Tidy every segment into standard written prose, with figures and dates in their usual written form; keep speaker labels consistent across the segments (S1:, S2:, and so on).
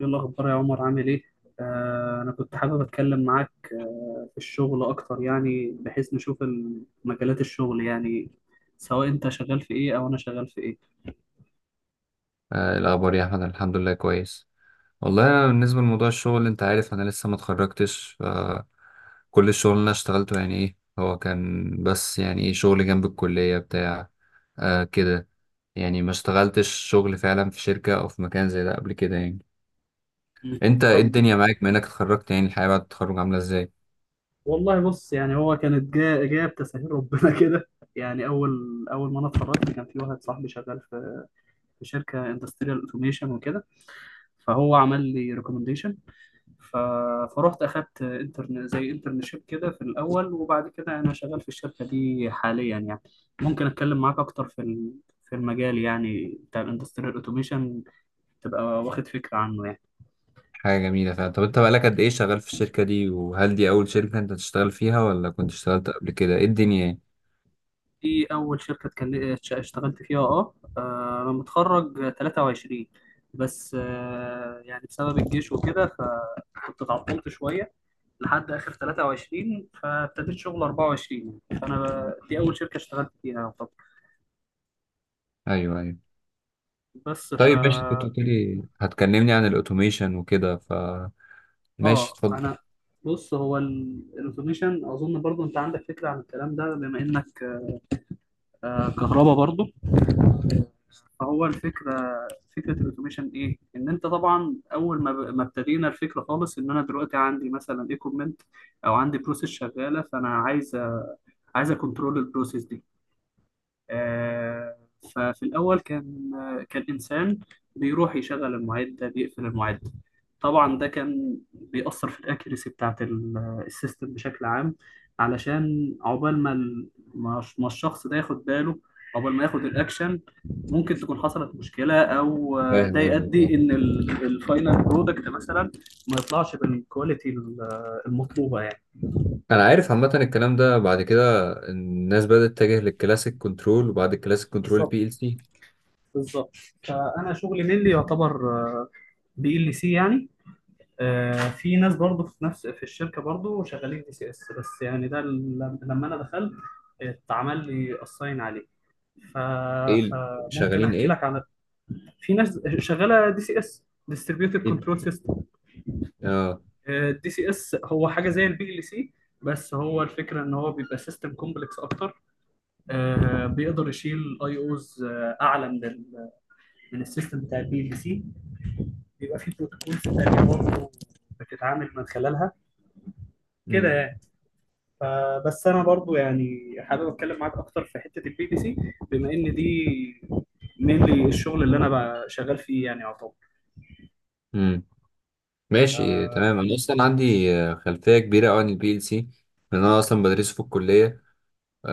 S1: ايه الاخبار يا عمر، عامل ايه؟ انا كنت حابب اتكلم معاك في الشغل اكتر، يعني بحيث نشوف مجالات الشغل، يعني سواء انت شغال في ايه او انا شغال في ايه.
S2: إيه الأخبار يا أحمد؟ الحمد لله كويس. والله أنا بالنسبة لموضوع الشغل أنت عارف أنا لسه ما اتخرجتش كل الشغل اللي أنا اشتغلته يعني إيه هو كان بس يعني إيه شغل جنب الكلية بتاع آه كده. يعني ما اشتغلتش شغل فعلا في شركة أو في مكان زي ده قبل كده يعني.
S1: مم.
S2: أنت إيه
S1: طب،
S2: الدنيا معاك بما إنك اتخرجت؟ يعني الحياة بعد التخرج عاملة إزاي؟
S1: والله بص، يعني هو كانت جايه جايه بتسهيل ربنا كده. يعني اول اول ما انا اتخرجت، كان في واحد صاحبي شغال في شركه اندستريال اوتوميشن وكده، فهو عمل لي ريكومنديشن. ف... فروحت اخدت انترن، زي انترنشيب كده، في الاول، وبعد كده انا شغال في الشركه دي حاليا يعني. ممكن اتكلم معاك اكتر في المجال يعني بتاع الاندستريال اوتوميشن، تبقى واخد فكره عنه يعني.
S2: حاجة جميلة فعلا. طب أنت بقالك قد إيه شغال في الشركة دي، وهل دي أول شركة أنت تشتغل فيها ولا كنت اشتغلت قبل كده؟ إيه الدنيا يعني؟
S1: دي اول شركه اشتغلت فيها. انا متخرج 23، بس يعني بسبب الجيش وكده، فكنت اتعطلت شويه لحد اخر 23، فابتديت شغل 24، فانا دي اول شركه اشتغلت فيها. طب،
S2: أيوه، أيوه.
S1: بس ف
S2: طيب ماشي، كنت بتقولي هتكلمني عن الاوتوميشن وكده، فماشي،
S1: اه
S2: اتفضل.
S1: انا بص، هو الاوتوميشن اظن برضو انت عندك فكره عن الكلام ده، بما انك كهربا برضو. فهو الفكره، فكره الاوتوميشن ايه؟ ان انت طبعا اول ما ابتدينا الفكره خالص، ان انا دلوقتي عندي مثلا ايكوبمنت، او عندي بروسيس شغاله، فانا عايز، عايز اكونترول البروسيس دي. آه، ففي الأول كان إنسان بيروح يشغل المعدة، بيقفل المعدة. طبعا ده كان بيأثر في الأكيرسي بتاعة السيستم بشكل عام، علشان عقبال ما الشخص ده ياخد باله، عقبال ما ياخد الأكشن، ممكن تكون حصلت مشكلة، أو ده
S2: فاهم قصدك، اه،
S1: يؤدي إن الفاينل برودكت مثلا ما يطلعش بالكواليتي المطلوبة يعني.
S2: انا عارف عامه الكلام ده. بعد كده الناس بدات تتجه للكلاسيك كنترول، وبعد الكلاسيك كنترول
S1: بالظبط،
S2: بي ال سي.
S1: بالظبط. فأنا شغلي مين اللي يعتبر بي ال سي يعني. في ناس برضو في الشركه برضو شغالين دي سي اس، بس يعني ده لما انا دخلت اتعمل لي اساين عليه. ف...
S2: ايه ال-
S1: فممكن
S2: شغالين
S1: احكي
S2: ايه؟
S1: لك عن، في ناس شغاله دي سي اس، ديستريبيوتد
S2: ايه ال-
S1: كنترول سيستم.
S2: اه.
S1: الدي سي اس هو حاجه زي البي ال سي، بس هو الفكره ان هو بيبقى سيستم كومبلكس اكتر. بيقدر يشيل اي اوز اعلى من السيستم بتاع البي ال سي. بيبقى فيه بروتوكولز تانيه برضه بتتعامل من خلالها، كده
S2: امم
S1: يعني. فبس انا برضو يعني حابب اتكلم معاك اكتر في حته البي تي سي، بما ان دي mainly الشغل اللي انا بقى شغال فيه يعني يعتبر.
S2: امم ماشي
S1: آه،
S2: تمام. انا
S1: م-
S2: اصلا عندي خلفيه كبيره أوي عن البي ال سي، لان انا اصلا بدرسه في الكليه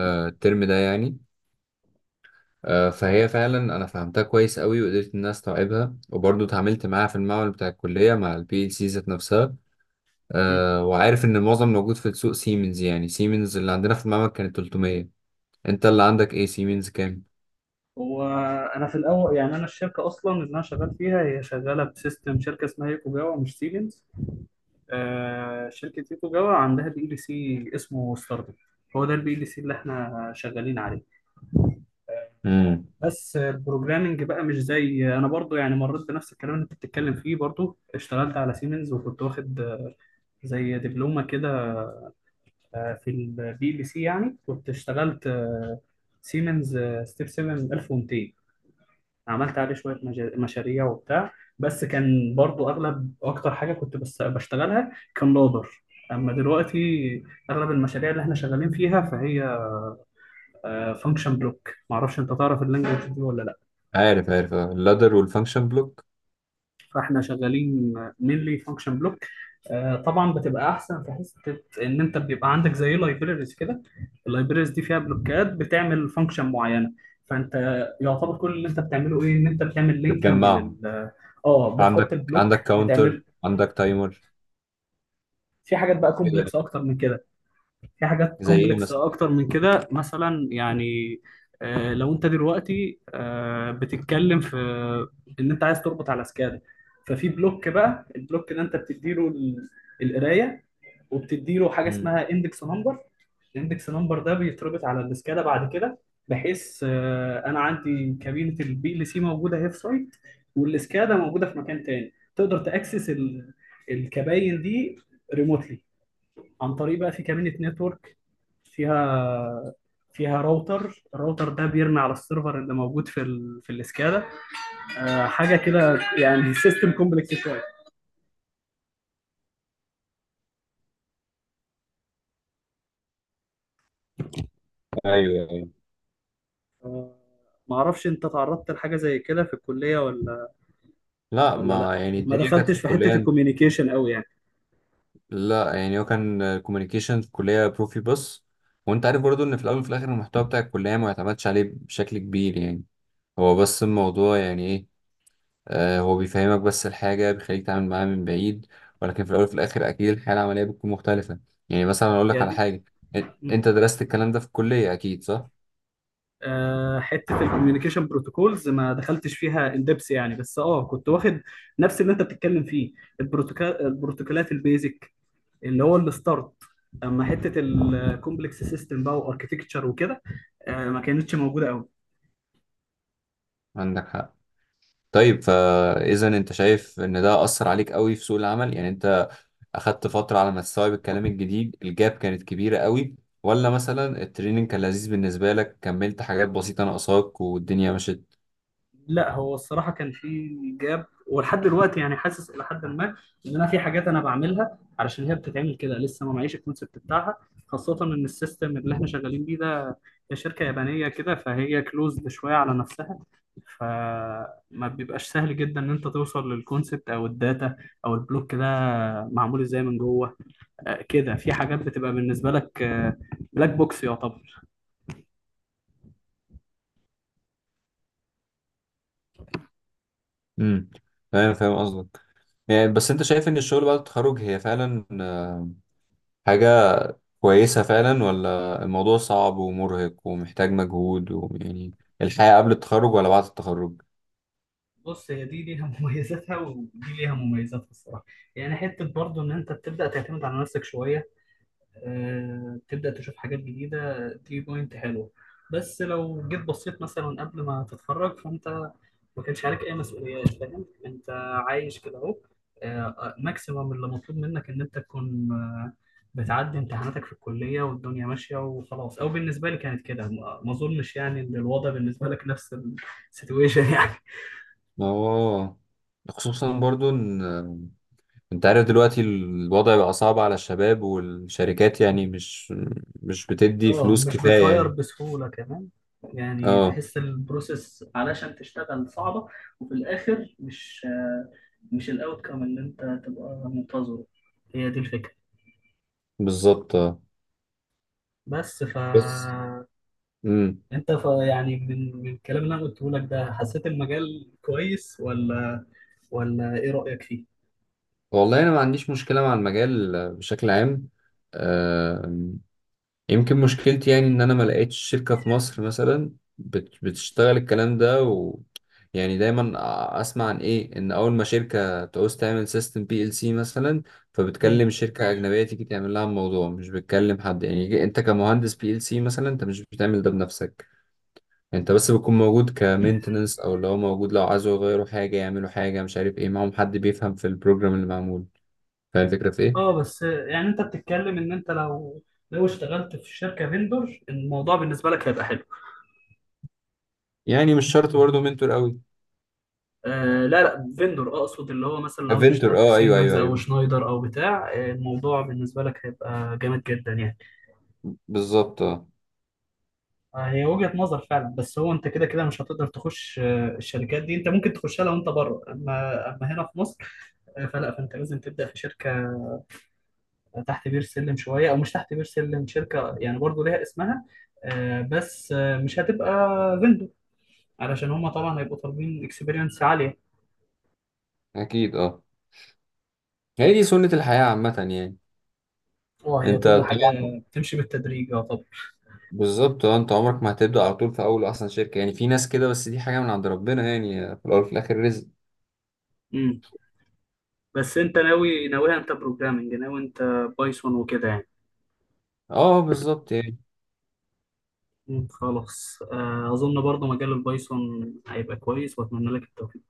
S1: م-
S2: الترم ده يعني. فهي فعلا انا فهمتها كويس قوي وقدرت ان انا استوعبها، وبرضه اتعاملت معاها في المعمل بتاع الكليه مع البي ال سي ذات نفسها.
S1: م.
S2: وعارف ان المعظم موجود في السوق سيمنز، يعني سيمنز اللي عندنا في المعمل كانت 300. انت اللي عندك ايه؟ سيمنز كام؟
S1: هو انا في الاول، يعني انا الشركه اصلا اللي انا شغال فيها، هي شغاله بسيستم شركه اسمها يوكو جاوا، مش سيمنز. شركه يوكو جاوا عندها بي ال سي اسمه ستاردم، هو ده البي ال سي اللي احنا شغالين عليه.
S2: امم.
S1: بس البروجرامنج بقى مش زي، انا برضو يعني مريت بنفس الكلام اللي انت بتتكلم فيه، برضو اشتغلت على سيمنز وكنت واخد زي دبلومه كده، في البي ال سي، يعني كنت اشتغلت سيمنز، ستيب 7 1200، عملت عليه شويه مشاريع وبتاع. بس كان برضو اغلب اكتر حاجه كنت بس بشتغلها كان لودر. اما دلوقتي اغلب المشاريع اللي احنا شغالين فيها، فهي فانكشن بلوك. معرفش انت تعرف اللانجوج دي ولا لا؟
S2: عارف، عارف، اللادر والفانكشن بلوك.
S1: فاحنا شغالين mainly function block. طبعا بتبقى احسن في حته ان انت بيبقى عندك زي لايبريز كده، اللايبريز دي فيها بلوكات بتعمل فانكشن معينه، فانت يعتبر كل اللي انت بتعمله ايه، ان انت بتعمل لينكينج لل،
S2: بتجمعهم.
S1: اه بتحط
S2: عندك
S1: البلوك
S2: عندك كاونتر،
S1: بتعمل.
S2: عندك تايمر
S1: في حاجات بقى
S2: كده.
S1: كومبلكس اكتر من كده. في حاجات
S2: زي ايه
S1: كومبلكس
S2: مثلا؟
S1: اكتر من كده مثلا يعني، لو انت دلوقتي بتتكلم في ان انت عايز تربط على سكادا، ففي بلوك، بقى البلوك ده انت بتديله القرايه، وبتديله حاجه
S2: امم.
S1: اسمها اندكس نمبر. الاندكس نمبر ده بيتربط على السكادا بعد كده، بحيث انا عندي كابينه البي ال سي موجوده هي في سايت، والسكادا موجوده في مكان تاني، تقدر تاكسس الكباين دي ريموتلي، عن طريق بقى في كمينة نتورك، فيها فيها راوتر، الراوتر ده بيرمي على السيرفر اللي موجود في الاسكادا. حاجه كده يعني سيستم كومبلكس شويه.
S2: ايوه، ايوه.
S1: آه ما اعرفش انت تعرضت لحاجه زي كده في الكليه ولا؟
S2: لا،
S1: ولا لا،
S2: ما يعني
S1: ما
S2: الدنيا كانت في
S1: دخلتش في
S2: الكليه.
S1: حته الكوميونيكيشن قوي يعني.
S2: لا يعني هو كان كوميونيكيشن في الكلية بروفي بس، وانت عارف برضو ان في الاول وفي الاخر المحتوى بتاع الكلية ما يعتمدش عليه بشكل كبير يعني. هو بس الموضوع يعني ايه، هو بيفهمك بس الحاجة، بيخليك تعمل معاها من بعيد، ولكن في الاول وفي الاخر اكيد الحياة العملية بتكون مختلفة. يعني مثلا اقول لك
S1: هي
S2: على
S1: دي
S2: حاجة، انت درست الكلام ده في الكلية اكيد، صح؟
S1: حته الكوميونيكيشن بروتوكولز ما دخلتش فيها اندبس يعني، بس كنت واخد نفس اللي انت بتتكلم فيه، البروتوكولات البيزك، اللي هو الستارت. اما حته الكومبلكس سيستم بقى، واركتكتشر وكده، ما كانتش موجوده قوي.
S2: عندك حق. طيب فاذا انت شايف ان ده اثر عليك قوي في سوق العمل؟ يعني انت اخدت فتره على ما تستوعب الكلام الجديد، الجاب كانت كبيره قوي، ولا مثلا التريننج كان لذيذ بالنسبه لك، كملت حاجات بسيطه ناقصاك والدنيا مشت؟
S1: لا، هو الصراحه كان في جاب، ولحد دلوقتي يعني حاسس الى حد ما ان انا في حاجات انا بعملها علشان هي بتتعمل كده، لسه ما معيش الكونسبت بتاعها. خاصه ان السيستم اللي احنا شغالين بيه ده، هي شركه يابانيه كده، فهي كلوزد شويه على نفسها، فما بيبقاش سهل جدا ان انت توصل للكونسبت، او الداتا، او البلوك ده معمول ازاي من جوه. كده في حاجات بتبقى بالنسبه لك بلاك بوكس يعتبر.
S2: امم. فاهم، فاهم قصدك. يعني بس انت شايف ان الشغل بعد التخرج هي فعلا حاجه كويسه فعلا، ولا الموضوع صعب ومرهق ومحتاج مجهود ويعني الحياه قبل التخرج ولا بعد التخرج؟
S1: بص، هي دي ليها مميزاتها، ودي ليها مميزاتها الصراحه. يعني حته برضو ان انت بتبدا تعتمد على نفسك شويه، أه تبدا تشوف حاجات جديده، دي بوينت حلوه. بس لو جيت بصيت مثلا قبل ما تتخرج، فانت ما كانش عليك اي مسؤوليات، فاهم انت عايش كده اهو. ماكسيمم اللي مطلوب منك ان انت تكون بتعدي امتحاناتك في الكليه والدنيا ماشيه وخلاص، او بالنسبه لي كانت كده. ما اظنش يعني ان الوضع بالنسبه لك نفس السيتويشن يعني.
S2: اه. خصوصا برضو ان انت عارف دلوقتي الوضع بقى صعب على الشباب، والشركات يعني مش بتدي
S1: اه،
S2: فلوس
S1: مش
S2: كفاية
S1: بتهاير
S2: يعني.
S1: بسهولة كمان، يعني
S2: اه،
S1: تحس البروسيس علشان تشتغل صعبة. وفي الآخر مش، مش الأوتكم اللي أنت تبقى منتظره، هي دي الفكرة.
S2: بالظبط، اه.
S1: بس ف
S2: بس. امم.
S1: أنت يعني من الكلام اللي أنا قلته لك ده، حسيت المجال كويس، ولا ولا إيه رأيك فيه؟
S2: والله انا ما عنديش مشكلة مع المجال بشكل عام، آه. يمكن مشكلتي يعني ان انا ما لقيتش شركة في مصر مثلا بتشتغل الكلام ده، و يعني دايما اسمع عن ايه ان اول ما شركة تعوز تعمل سيستم بي ال سي مثلا،
S1: مم.
S2: فبتكلم شركة اجنبية تيجي تعمل لها الموضوع، مش بتكلم حد. يعني انت كمهندس بي ال سي مثلا انت مش بتعمل ده بنفسك، انت بس بتكون موجود كمينتنس، او لو موجود لو عايزوا يغيروا حاجة يعملوا حاجة مش عارف ايه، معاهم حد بيفهم في البروجرام اللي معمول. فاهم الفكرة في
S1: اه
S2: ايه؟
S1: بس يعني أنت بتتكلم إن أنت لو اشتغلت في شركة فيندور، الموضوع بالنسبة لك هيبقى حلو.
S2: يعني مش شرط برضه منتور قوي.
S1: آه لا لا، فيندور، اقصد اللي هو مثلا لو انت
S2: افنتور،
S1: اشتغلت في
S2: اه، ايوه،
S1: سيمنز
S2: ايوه،
S1: او
S2: ايوه.
S1: شنايدر او بتاع، الموضوع بالنسبه لك هيبقى جامد جدا يعني.
S2: بالظبط، اه.
S1: آه، هي وجهه نظر فعلا، بس هو انت كده كده مش هتقدر تخش الشركات دي. انت ممكن تخشها لو انت بره، اما هنا في مصر، فلا فانت لازم تبدا في شركه تحت بير سلم شويه، او مش تحت بير سلم، شركه يعني برضو ليها اسمها. بس مش هتبقى فيندور، علشان هما طبعا هيبقوا طالبين اكسبيرينس عاليه.
S2: اكيد، اه. هي دي سنة الحياة عامة يعني.
S1: اه، هي
S2: انت
S1: كل حاجه
S2: طبعا.
S1: بتمشي بالتدريج يعتبر.
S2: بالظبط، اه، انت عمرك ما هتبدأ على طول في اول اصلا شركة، يعني في ناس كده بس دي حاجة من عند ربنا، يعني في الاول وفي الاخر رزق.
S1: بس انت ناوي، ناويها انت بروجرامنج، ناوي انت بايثون وكده يعني؟
S2: اه، بالظبط يعني.
S1: مم، خلاص، اظن برضو مجال البايثون هيبقى كويس، واتمنى لك التوفيق.